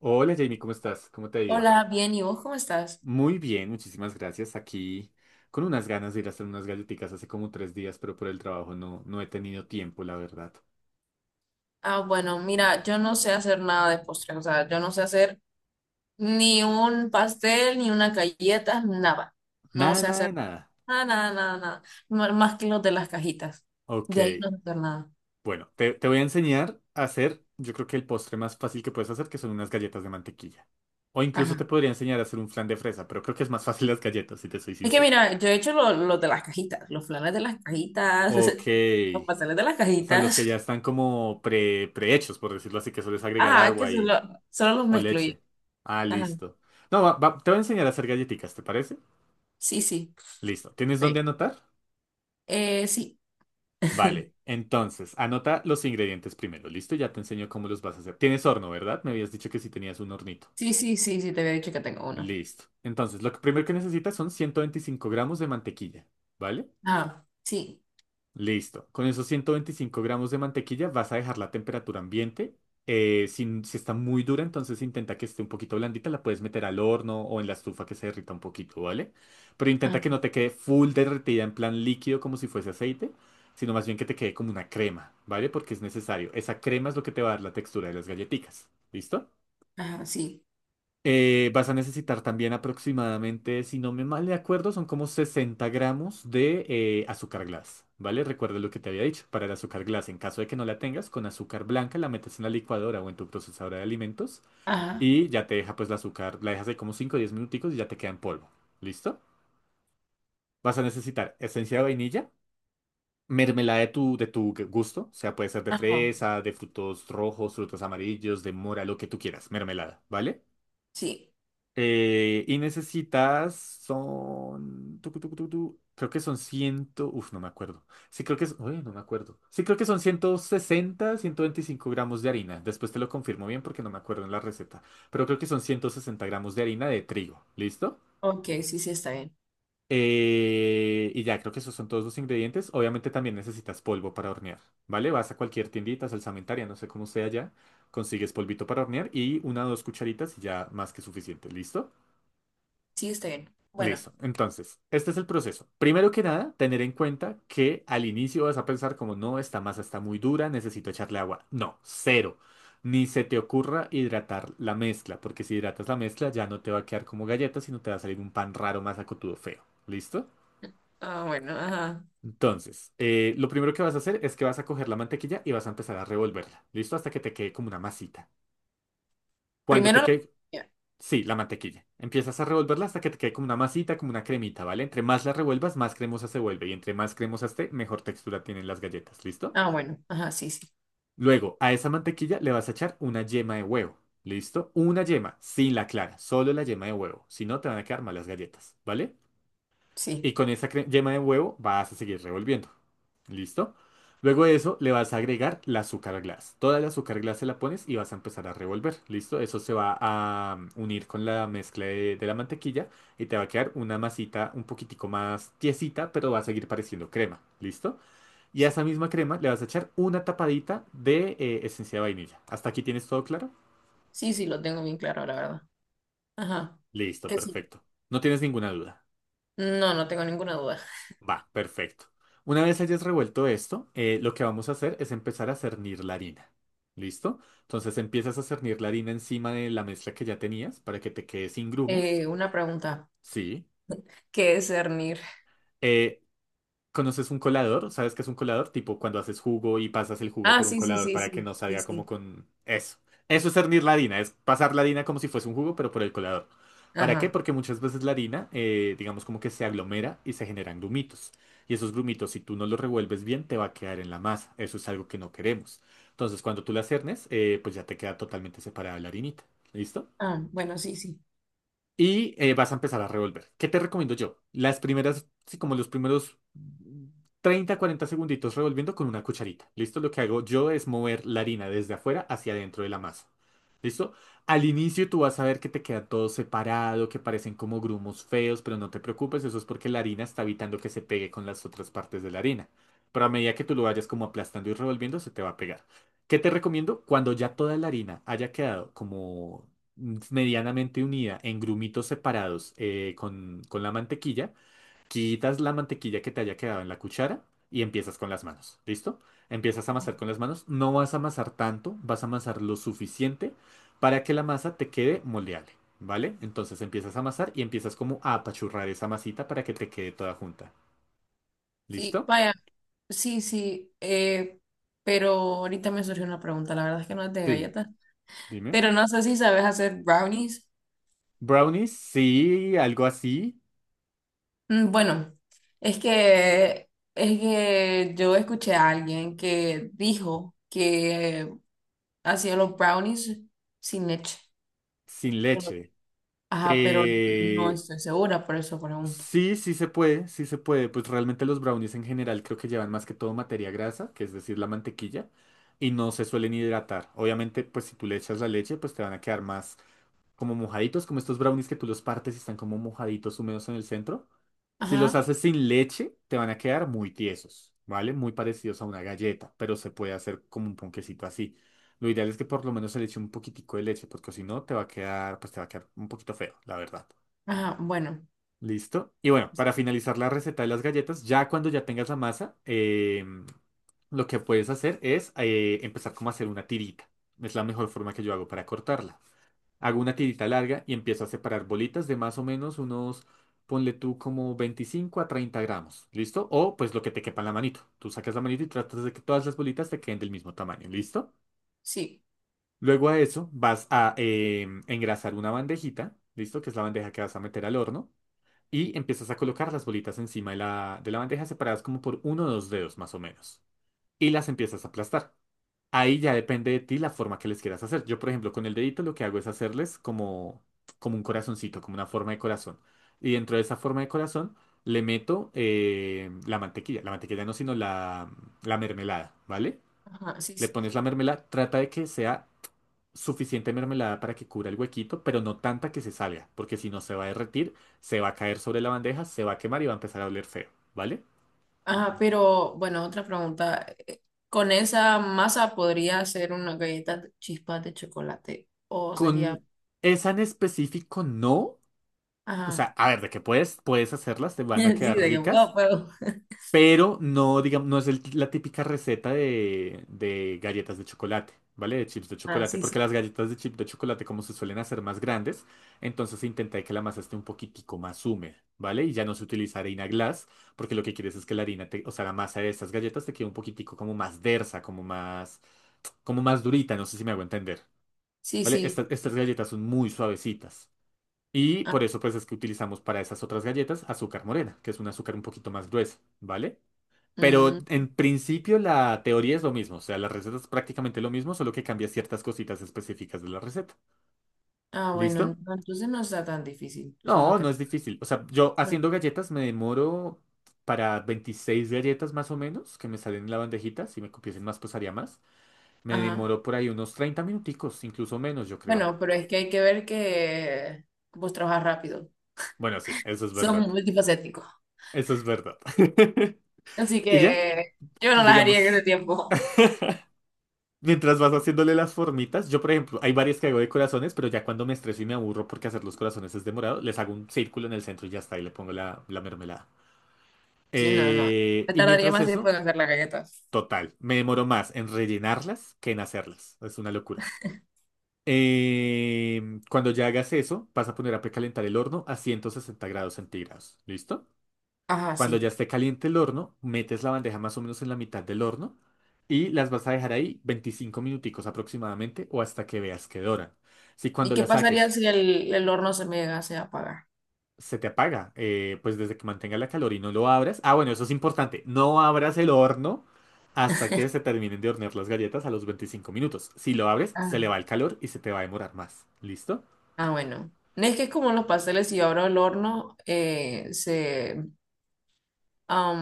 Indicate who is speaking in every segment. Speaker 1: Hola Jamie, ¿cómo estás? ¿Cómo te ha ido?
Speaker 2: Hola, bien, ¿y vos cómo estás?
Speaker 1: Muy bien, muchísimas gracias. Aquí con unas ganas de ir a hacer unas galletitas hace como 3 días, pero por el trabajo no he tenido tiempo, la verdad.
Speaker 2: Ah, bueno, mira, yo no sé hacer nada de postre, o sea, yo no sé hacer ni un pastel, ni una galleta, nada. No
Speaker 1: Nada,
Speaker 2: sé
Speaker 1: nada
Speaker 2: hacer
Speaker 1: de nada.
Speaker 2: nada, nada, nada, nada. Más que los de las cajitas.
Speaker 1: Ok,
Speaker 2: De ahí no sé hacer nada.
Speaker 1: bueno, te voy a enseñar a hacer, yo creo que el postre más fácil que puedes hacer, que son unas galletas de mantequilla. O incluso te
Speaker 2: Ajá.
Speaker 1: podría enseñar a hacer un flan de fresa, pero creo que es más fácil las galletas, si te soy
Speaker 2: Es que
Speaker 1: sincero.
Speaker 2: mira, yo he hecho los de las cajitas, los flanes de las cajitas,
Speaker 1: Ok.
Speaker 2: los pasteles de las
Speaker 1: O sea, los que ya
Speaker 2: cajitas.
Speaker 1: están como prehechos, por decirlo así, que solo es agregar
Speaker 2: Ajá, que
Speaker 1: agua y,
Speaker 2: solo, solo los
Speaker 1: o
Speaker 2: mezclo yo.
Speaker 1: leche. Ah,
Speaker 2: Ajá.
Speaker 1: listo. No, te voy a enseñar a hacer galletitas, ¿te parece?
Speaker 2: Sí, sí.
Speaker 1: Listo. ¿Tienes dónde
Speaker 2: Sí.
Speaker 1: anotar?
Speaker 2: Sí.
Speaker 1: Vale. Entonces, anota los ingredientes primero. Listo, ya te enseño cómo los vas a hacer. Tienes horno, ¿verdad? Me habías dicho que sí tenías un hornito.
Speaker 2: Sí, sí, sí, sí, te había dicho que tengo uno.
Speaker 1: Listo. Entonces, lo que primero que necesitas son 125 gramos de mantequilla, ¿vale?
Speaker 2: Ah, sí.
Speaker 1: Listo. Con esos 125 gramos de mantequilla vas a dejar la temperatura ambiente. Si está muy dura, entonces intenta que esté un poquito blandita, la puedes meter al horno o en la estufa que se derrita un poquito, ¿vale? Pero intenta que no te quede full derretida en plan líquido como si fuese aceite, sino más bien que te quede como una crema, ¿vale? Porque es necesario. Esa crema es lo que te va a dar la textura de las galletitas. ¿Listo?
Speaker 2: Ajá, sí.
Speaker 1: Vas a necesitar también aproximadamente, si no me mal de acuerdo, son como 60 gramos de azúcar glass, ¿vale? Recuerda lo que te había dicho, para el azúcar glass, en caso de que no la tengas, con azúcar blanca la metes en la licuadora o en tu procesadora de alimentos
Speaker 2: Ajá.
Speaker 1: y ya te deja pues la azúcar, la dejas ahí como 5 o 10 minuticos y ya te queda en polvo, ¿listo? Vas a necesitar esencia de vainilla, mermelada de tu gusto, o sea, puede ser de
Speaker 2: Ajá.
Speaker 1: fresa, de frutos rojos, frutos amarillos, de mora, lo que tú quieras, mermelada, ¿vale?
Speaker 2: Sí.
Speaker 1: Y necesitas, son, creo que son 100, uf, no me acuerdo. Sí, creo que es, uy, no me acuerdo. Sí, creo que son ciento veinticinco gramos de harina. Después te lo confirmo bien porque no me acuerdo en la receta. Pero creo que son 160 gramos de harina de trigo. ¿Listo?
Speaker 2: Ok, sí, sí, está bien.
Speaker 1: Y ya, creo que esos son todos los ingredientes. Obviamente también necesitas polvo para hornear, ¿vale? Vas a cualquier tiendita, salsamentaria, no sé cómo sea ya, consigues polvito para hornear y una o dos cucharitas y ya más que suficiente, ¿listo?
Speaker 2: Sí, está bien. Bueno.
Speaker 1: Listo. Entonces, este es el proceso. Primero que nada, tener en cuenta que al inicio vas a pensar como, no, esta masa está muy dura, necesito echarle agua. No, cero. Ni se te ocurra hidratar la mezcla, porque si hidratas la mezcla ya no te va a quedar como galleta, sino te va a salir un pan raro, más acotudo, feo. ¿Listo?
Speaker 2: Ah, bueno, ajá.
Speaker 1: Entonces, lo primero que vas a hacer es que vas a coger la mantequilla y vas a empezar a revolverla. ¿Listo? Hasta que te quede como una masita. Cuando te
Speaker 2: Primero la
Speaker 1: quede...
Speaker 2: comida.
Speaker 1: Sí, la mantequilla. Empiezas a revolverla hasta que te quede como una masita, como una cremita, ¿vale? Entre más la revuelvas, más cremosa se vuelve. Y entre más cremosa esté, mejor textura tienen las galletas, ¿listo?
Speaker 2: Ah, bueno. Ajá, sí, sí.
Speaker 1: Luego, a esa mantequilla le vas a echar una yema de huevo, ¿listo? Una yema, sin la clara, solo la yema de huevo. Si no, te van a quedar malas galletas, ¿vale?
Speaker 2: Sí,
Speaker 1: Y con esa yema de huevo vas a seguir revolviendo. ¿Listo? Luego de eso le vas a agregar la azúcar glass. Toda la azúcar glass se la pones y vas a empezar a revolver. ¿Listo? Eso se va a unir con la mezcla de la mantequilla y te va a quedar una masita un poquitico más tiesita, pero va a seguir pareciendo crema. ¿Listo? Y a
Speaker 2: sí.
Speaker 1: esa misma crema le vas a echar una tapadita de esencia de vainilla. ¿Hasta aquí tienes todo claro?
Speaker 2: Sí, sí, lo tengo bien claro, la verdad. Ajá.
Speaker 1: Listo,
Speaker 2: ¿Qué sí?
Speaker 1: perfecto. No tienes ninguna duda.
Speaker 2: No, no tengo ninguna duda.
Speaker 1: Va, perfecto. Una vez hayas revuelto esto, lo que vamos a hacer es empezar a cernir la harina. ¿Listo? Entonces empiezas a cernir la harina encima de la mezcla que ya tenías para que te quede sin grumos.
Speaker 2: Una pregunta.
Speaker 1: Sí.
Speaker 2: ¿Qué es cernir?
Speaker 1: Eh, ¿conoces un colador? ¿Sabes qué es un colador? Tipo cuando haces jugo y pasas el jugo
Speaker 2: Ah,
Speaker 1: por un
Speaker 2: sí, sí,
Speaker 1: colador
Speaker 2: sí,
Speaker 1: para que
Speaker 2: sí.
Speaker 1: no
Speaker 2: Sí,
Speaker 1: salga como
Speaker 2: sí.
Speaker 1: con eso. Eso es hervir la harina, es pasar la harina como si fuese un jugo, pero por el colador. ¿Para qué?
Speaker 2: Ajá.
Speaker 1: Porque muchas veces la harina, digamos como que se aglomera y se generan grumitos. Y esos grumitos, si tú no los revuelves bien, te va a quedar en la masa. Eso es algo que no queremos. Entonces, cuando tú la cernes, pues ya te queda totalmente separada la harinita. ¿Listo?
Speaker 2: Ah, bueno, sí, sí.
Speaker 1: Y vas a empezar a revolver. ¿Qué te recomiendo yo? Las primeras, sí, como los primeros 30 40 segunditos revolviendo con una cucharita. ¿Listo? Lo que hago yo es mover la harina desde afuera hacia adentro de la masa. ¿Listo? Al inicio tú vas a ver que te queda todo separado, que parecen como grumos feos, pero no te preocupes, eso es porque la harina está evitando que se pegue con las otras partes de la harina. Pero a medida que tú lo vayas como aplastando y revolviendo, se te va a pegar. ¿Qué te recomiendo? Cuando ya toda la harina haya quedado como medianamente unida en grumitos separados con la mantequilla, quitas la mantequilla que te haya quedado en la cuchara y empiezas con las manos, ¿listo? Empiezas a
Speaker 2: Ajá.
Speaker 1: amasar con las manos, no vas a amasar tanto, vas a amasar lo suficiente para que la masa te quede moldeable, ¿vale? Entonces empiezas a amasar y empiezas como a apachurrar esa masita para que te quede toda junta,
Speaker 2: Sí,
Speaker 1: ¿listo?
Speaker 2: vaya. Sí, sí. Pero ahorita me surgió una pregunta. La verdad es que no es de
Speaker 1: Sí,
Speaker 2: galletas.
Speaker 1: dime.
Speaker 2: Pero no sé si sabes hacer brownies.
Speaker 1: Brownies, sí, algo así,
Speaker 2: Mm, bueno, es que yo escuché a alguien que dijo que hacía los brownies sin leche.
Speaker 1: sin
Speaker 2: Pero-
Speaker 1: leche.
Speaker 2: Ajá, pero no
Speaker 1: Eh,
Speaker 2: estoy segura, por eso pregunto.
Speaker 1: Sí sí se puede, sí se puede. Pues realmente los brownies en general creo que llevan más que todo materia grasa, que es decir, la mantequilla, y no se suelen hidratar. Obviamente, pues si tú le echas la leche, pues te van a quedar más como mojaditos, como estos brownies que tú los partes y están como mojaditos húmedos en el centro. Si los
Speaker 2: Ajá,
Speaker 1: haces sin leche, te van a quedar muy tiesos, ¿vale? Muy parecidos a una galleta, pero se puede hacer como un ponquecito así. Lo ideal es que por lo menos se le eche un poquitico de leche, porque si no, te va a quedar, pues te va a quedar un poquito feo, la verdad.
Speaker 2: ajá, bueno,
Speaker 1: Listo. Y bueno, para finalizar la receta de las galletas, ya cuando ya tengas la masa, lo que puedes hacer es empezar como a hacer una tirita. Es la mejor forma que yo hago para cortarla. Hago una tirita larga y empiezo a separar bolitas de más o menos unos, ponle tú como 25 a 30 gramos. ¿Listo? O pues lo que te quepa en la manito. Tú sacas la manito y tratas de que todas las bolitas te queden del mismo tamaño. ¿Listo?
Speaker 2: sí,
Speaker 1: Luego a eso vas a engrasar una bandejita. ¿Listo? Que es la bandeja que vas a meter al horno y empiezas a colocar las bolitas encima de la bandeja separadas como por uno o dos dedos más o menos. Y las empiezas a aplastar. Ahí ya depende de ti la forma que les quieras hacer. Yo, por ejemplo, con el dedito lo que hago es hacerles como un corazoncito, como una forma de corazón. Y dentro de esa forma de corazón le meto la mantequilla. La mantequilla no, sino la mermelada, ¿vale?
Speaker 2: ajá, sí,
Speaker 1: Le
Speaker 2: sí, sí.
Speaker 1: pones la mermelada, trata de que sea suficiente mermelada para que cubra el huequito, pero no tanta que se salga, porque si no se va a derretir, se va a caer sobre la bandeja, se va a quemar y va a empezar a oler feo, ¿vale?
Speaker 2: Ajá, pero bueno, otra pregunta. ¿Con esa masa podría hacer una galleta de chispas de chocolate? ¿O sería?
Speaker 1: Con esa en específico no, o
Speaker 2: Ajá,
Speaker 1: sea, a ver, de que puedes, puedes hacerlas, te van a
Speaker 2: sí,
Speaker 1: quedar
Speaker 2: de que
Speaker 1: ricas,
Speaker 2: wow, pero-
Speaker 1: pero no, digamos, no es la típica receta de galletas de chocolate, ¿vale? De chips de
Speaker 2: Ah,
Speaker 1: chocolate,
Speaker 2: sí, sí.
Speaker 1: porque las galletas de chip de chocolate, como se suelen hacer más grandes, entonces se intenta que la masa esté un poquitico más húmeda, ¿vale? Y ya no se utiliza harina glass, porque lo que quieres es que la harina, o sea, la masa de estas galletas te quede un poquitico como más densa, como más durita, no sé si me hago entender,
Speaker 2: Sí,
Speaker 1: ¿vale?
Speaker 2: sí.
Speaker 1: Estas galletas son muy suavecitas. Y
Speaker 2: Ah,
Speaker 1: por eso pues es que utilizamos para esas otras galletas azúcar morena, que es un azúcar un poquito más gruesa, ¿vale? Pero
Speaker 2: mm.
Speaker 1: en principio la teoría es lo mismo, o sea, la receta es prácticamente lo mismo, solo que cambia ciertas cositas específicas de la receta.
Speaker 2: Ah, bueno,
Speaker 1: ¿Listo?
Speaker 2: no, entonces no está tan difícil, solo
Speaker 1: No,
Speaker 2: que...
Speaker 1: no es difícil. O sea, yo
Speaker 2: no.
Speaker 1: haciendo galletas me demoro para 26 galletas más o menos, que me salen en la bandejita, si me copiesen más pues haría más. Me
Speaker 2: Ajá.
Speaker 1: demoro por ahí unos 30 minuticos, incluso menos yo creo.
Speaker 2: Bueno, pero es que hay que ver que vos trabajas rápido.
Speaker 1: Bueno, sí, eso es
Speaker 2: Son
Speaker 1: verdad.
Speaker 2: multifacético.
Speaker 1: Eso es verdad.
Speaker 2: Así
Speaker 1: Y ya,
Speaker 2: que yo no las haría en ese
Speaker 1: digamos.
Speaker 2: tiempo.
Speaker 1: Mientras vas haciéndole las formitas, yo por ejemplo, hay varias que hago de corazones, pero ya cuando me estreso y me aburro porque hacer los corazones es demorado, les hago un círculo en el centro y ya está, y le pongo la mermelada.
Speaker 2: Sí, no, no. Me
Speaker 1: Y
Speaker 2: tardaría
Speaker 1: mientras
Speaker 2: más tiempo
Speaker 1: eso,
Speaker 2: en hacer las galletas.
Speaker 1: total, me demoro más en rellenarlas que en hacerlas. Es una locura. Cuando ya hagas eso, vas a poner a precalentar el horno a 160 grados centígrados. ¿Listo?
Speaker 2: Ajá,
Speaker 1: Cuando ya
Speaker 2: sí.
Speaker 1: esté caliente el horno, metes la bandeja más o menos en la mitad del horno y las vas a dejar ahí 25 minuticos aproximadamente o hasta que veas que doran. Si
Speaker 2: ¿Y
Speaker 1: cuando
Speaker 2: qué
Speaker 1: la
Speaker 2: pasaría
Speaker 1: saques
Speaker 2: si el horno se me llegase a apagar?
Speaker 1: se te apaga, pues desde que mantenga la calor y no lo abras. Ah, bueno, eso es importante. No abras el horno hasta que se terminen de hornear las galletas a los 25 minutos. Si lo abres, se
Speaker 2: Ah,
Speaker 1: le va el calor y se te va a demorar más. ¿Listo?
Speaker 2: ah, bueno. No, es que es como los pasteles, si yo abro el horno, eh, se am,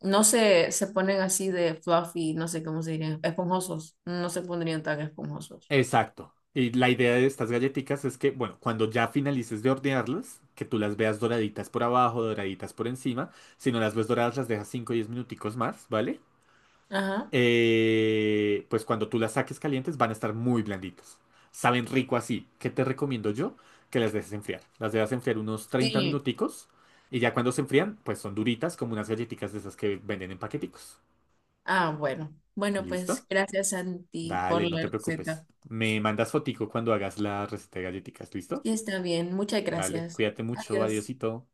Speaker 2: no se, se ponen así de fluffy, no sé cómo se dirían, esponjosos, no se pondrían tan esponjosos.
Speaker 1: Exacto. Y la idea de estas galletitas es que, bueno, cuando ya finalices de hornearlas, que tú las veas doraditas por abajo, doraditas por encima. Si no las ves doradas, las dejas 5 o 10 minuticos más, ¿vale?
Speaker 2: Ajá.
Speaker 1: Pues cuando tú las saques calientes van a estar muy blanditas. Saben rico así. ¿Qué te recomiendo yo? Que las dejes enfriar. Las dejas enfriar unos treinta
Speaker 2: Sí.
Speaker 1: minuticos y ya cuando se enfrían, pues son duritas como unas galletitas de esas que venden en paqueticos.
Speaker 2: Ah, bueno. Bueno, pues
Speaker 1: ¿Listo?
Speaker 2: gracias, Santi, por
Speaker 1: Dale, no
Speaker 2: la
Speaker 1: te preocupes.
Speaker 2: receta.
Speaker 1: Me mandas fotico cuando hagas la receta de galletitas, ¿listo?
Speaker 2: Y está bien, muchas
Speaker 1: Dale,
Speaker 2: gracias.
Speaker 1: cuídate mucho,
Speaker 2: Adiós.
Speaker 1: adiosito.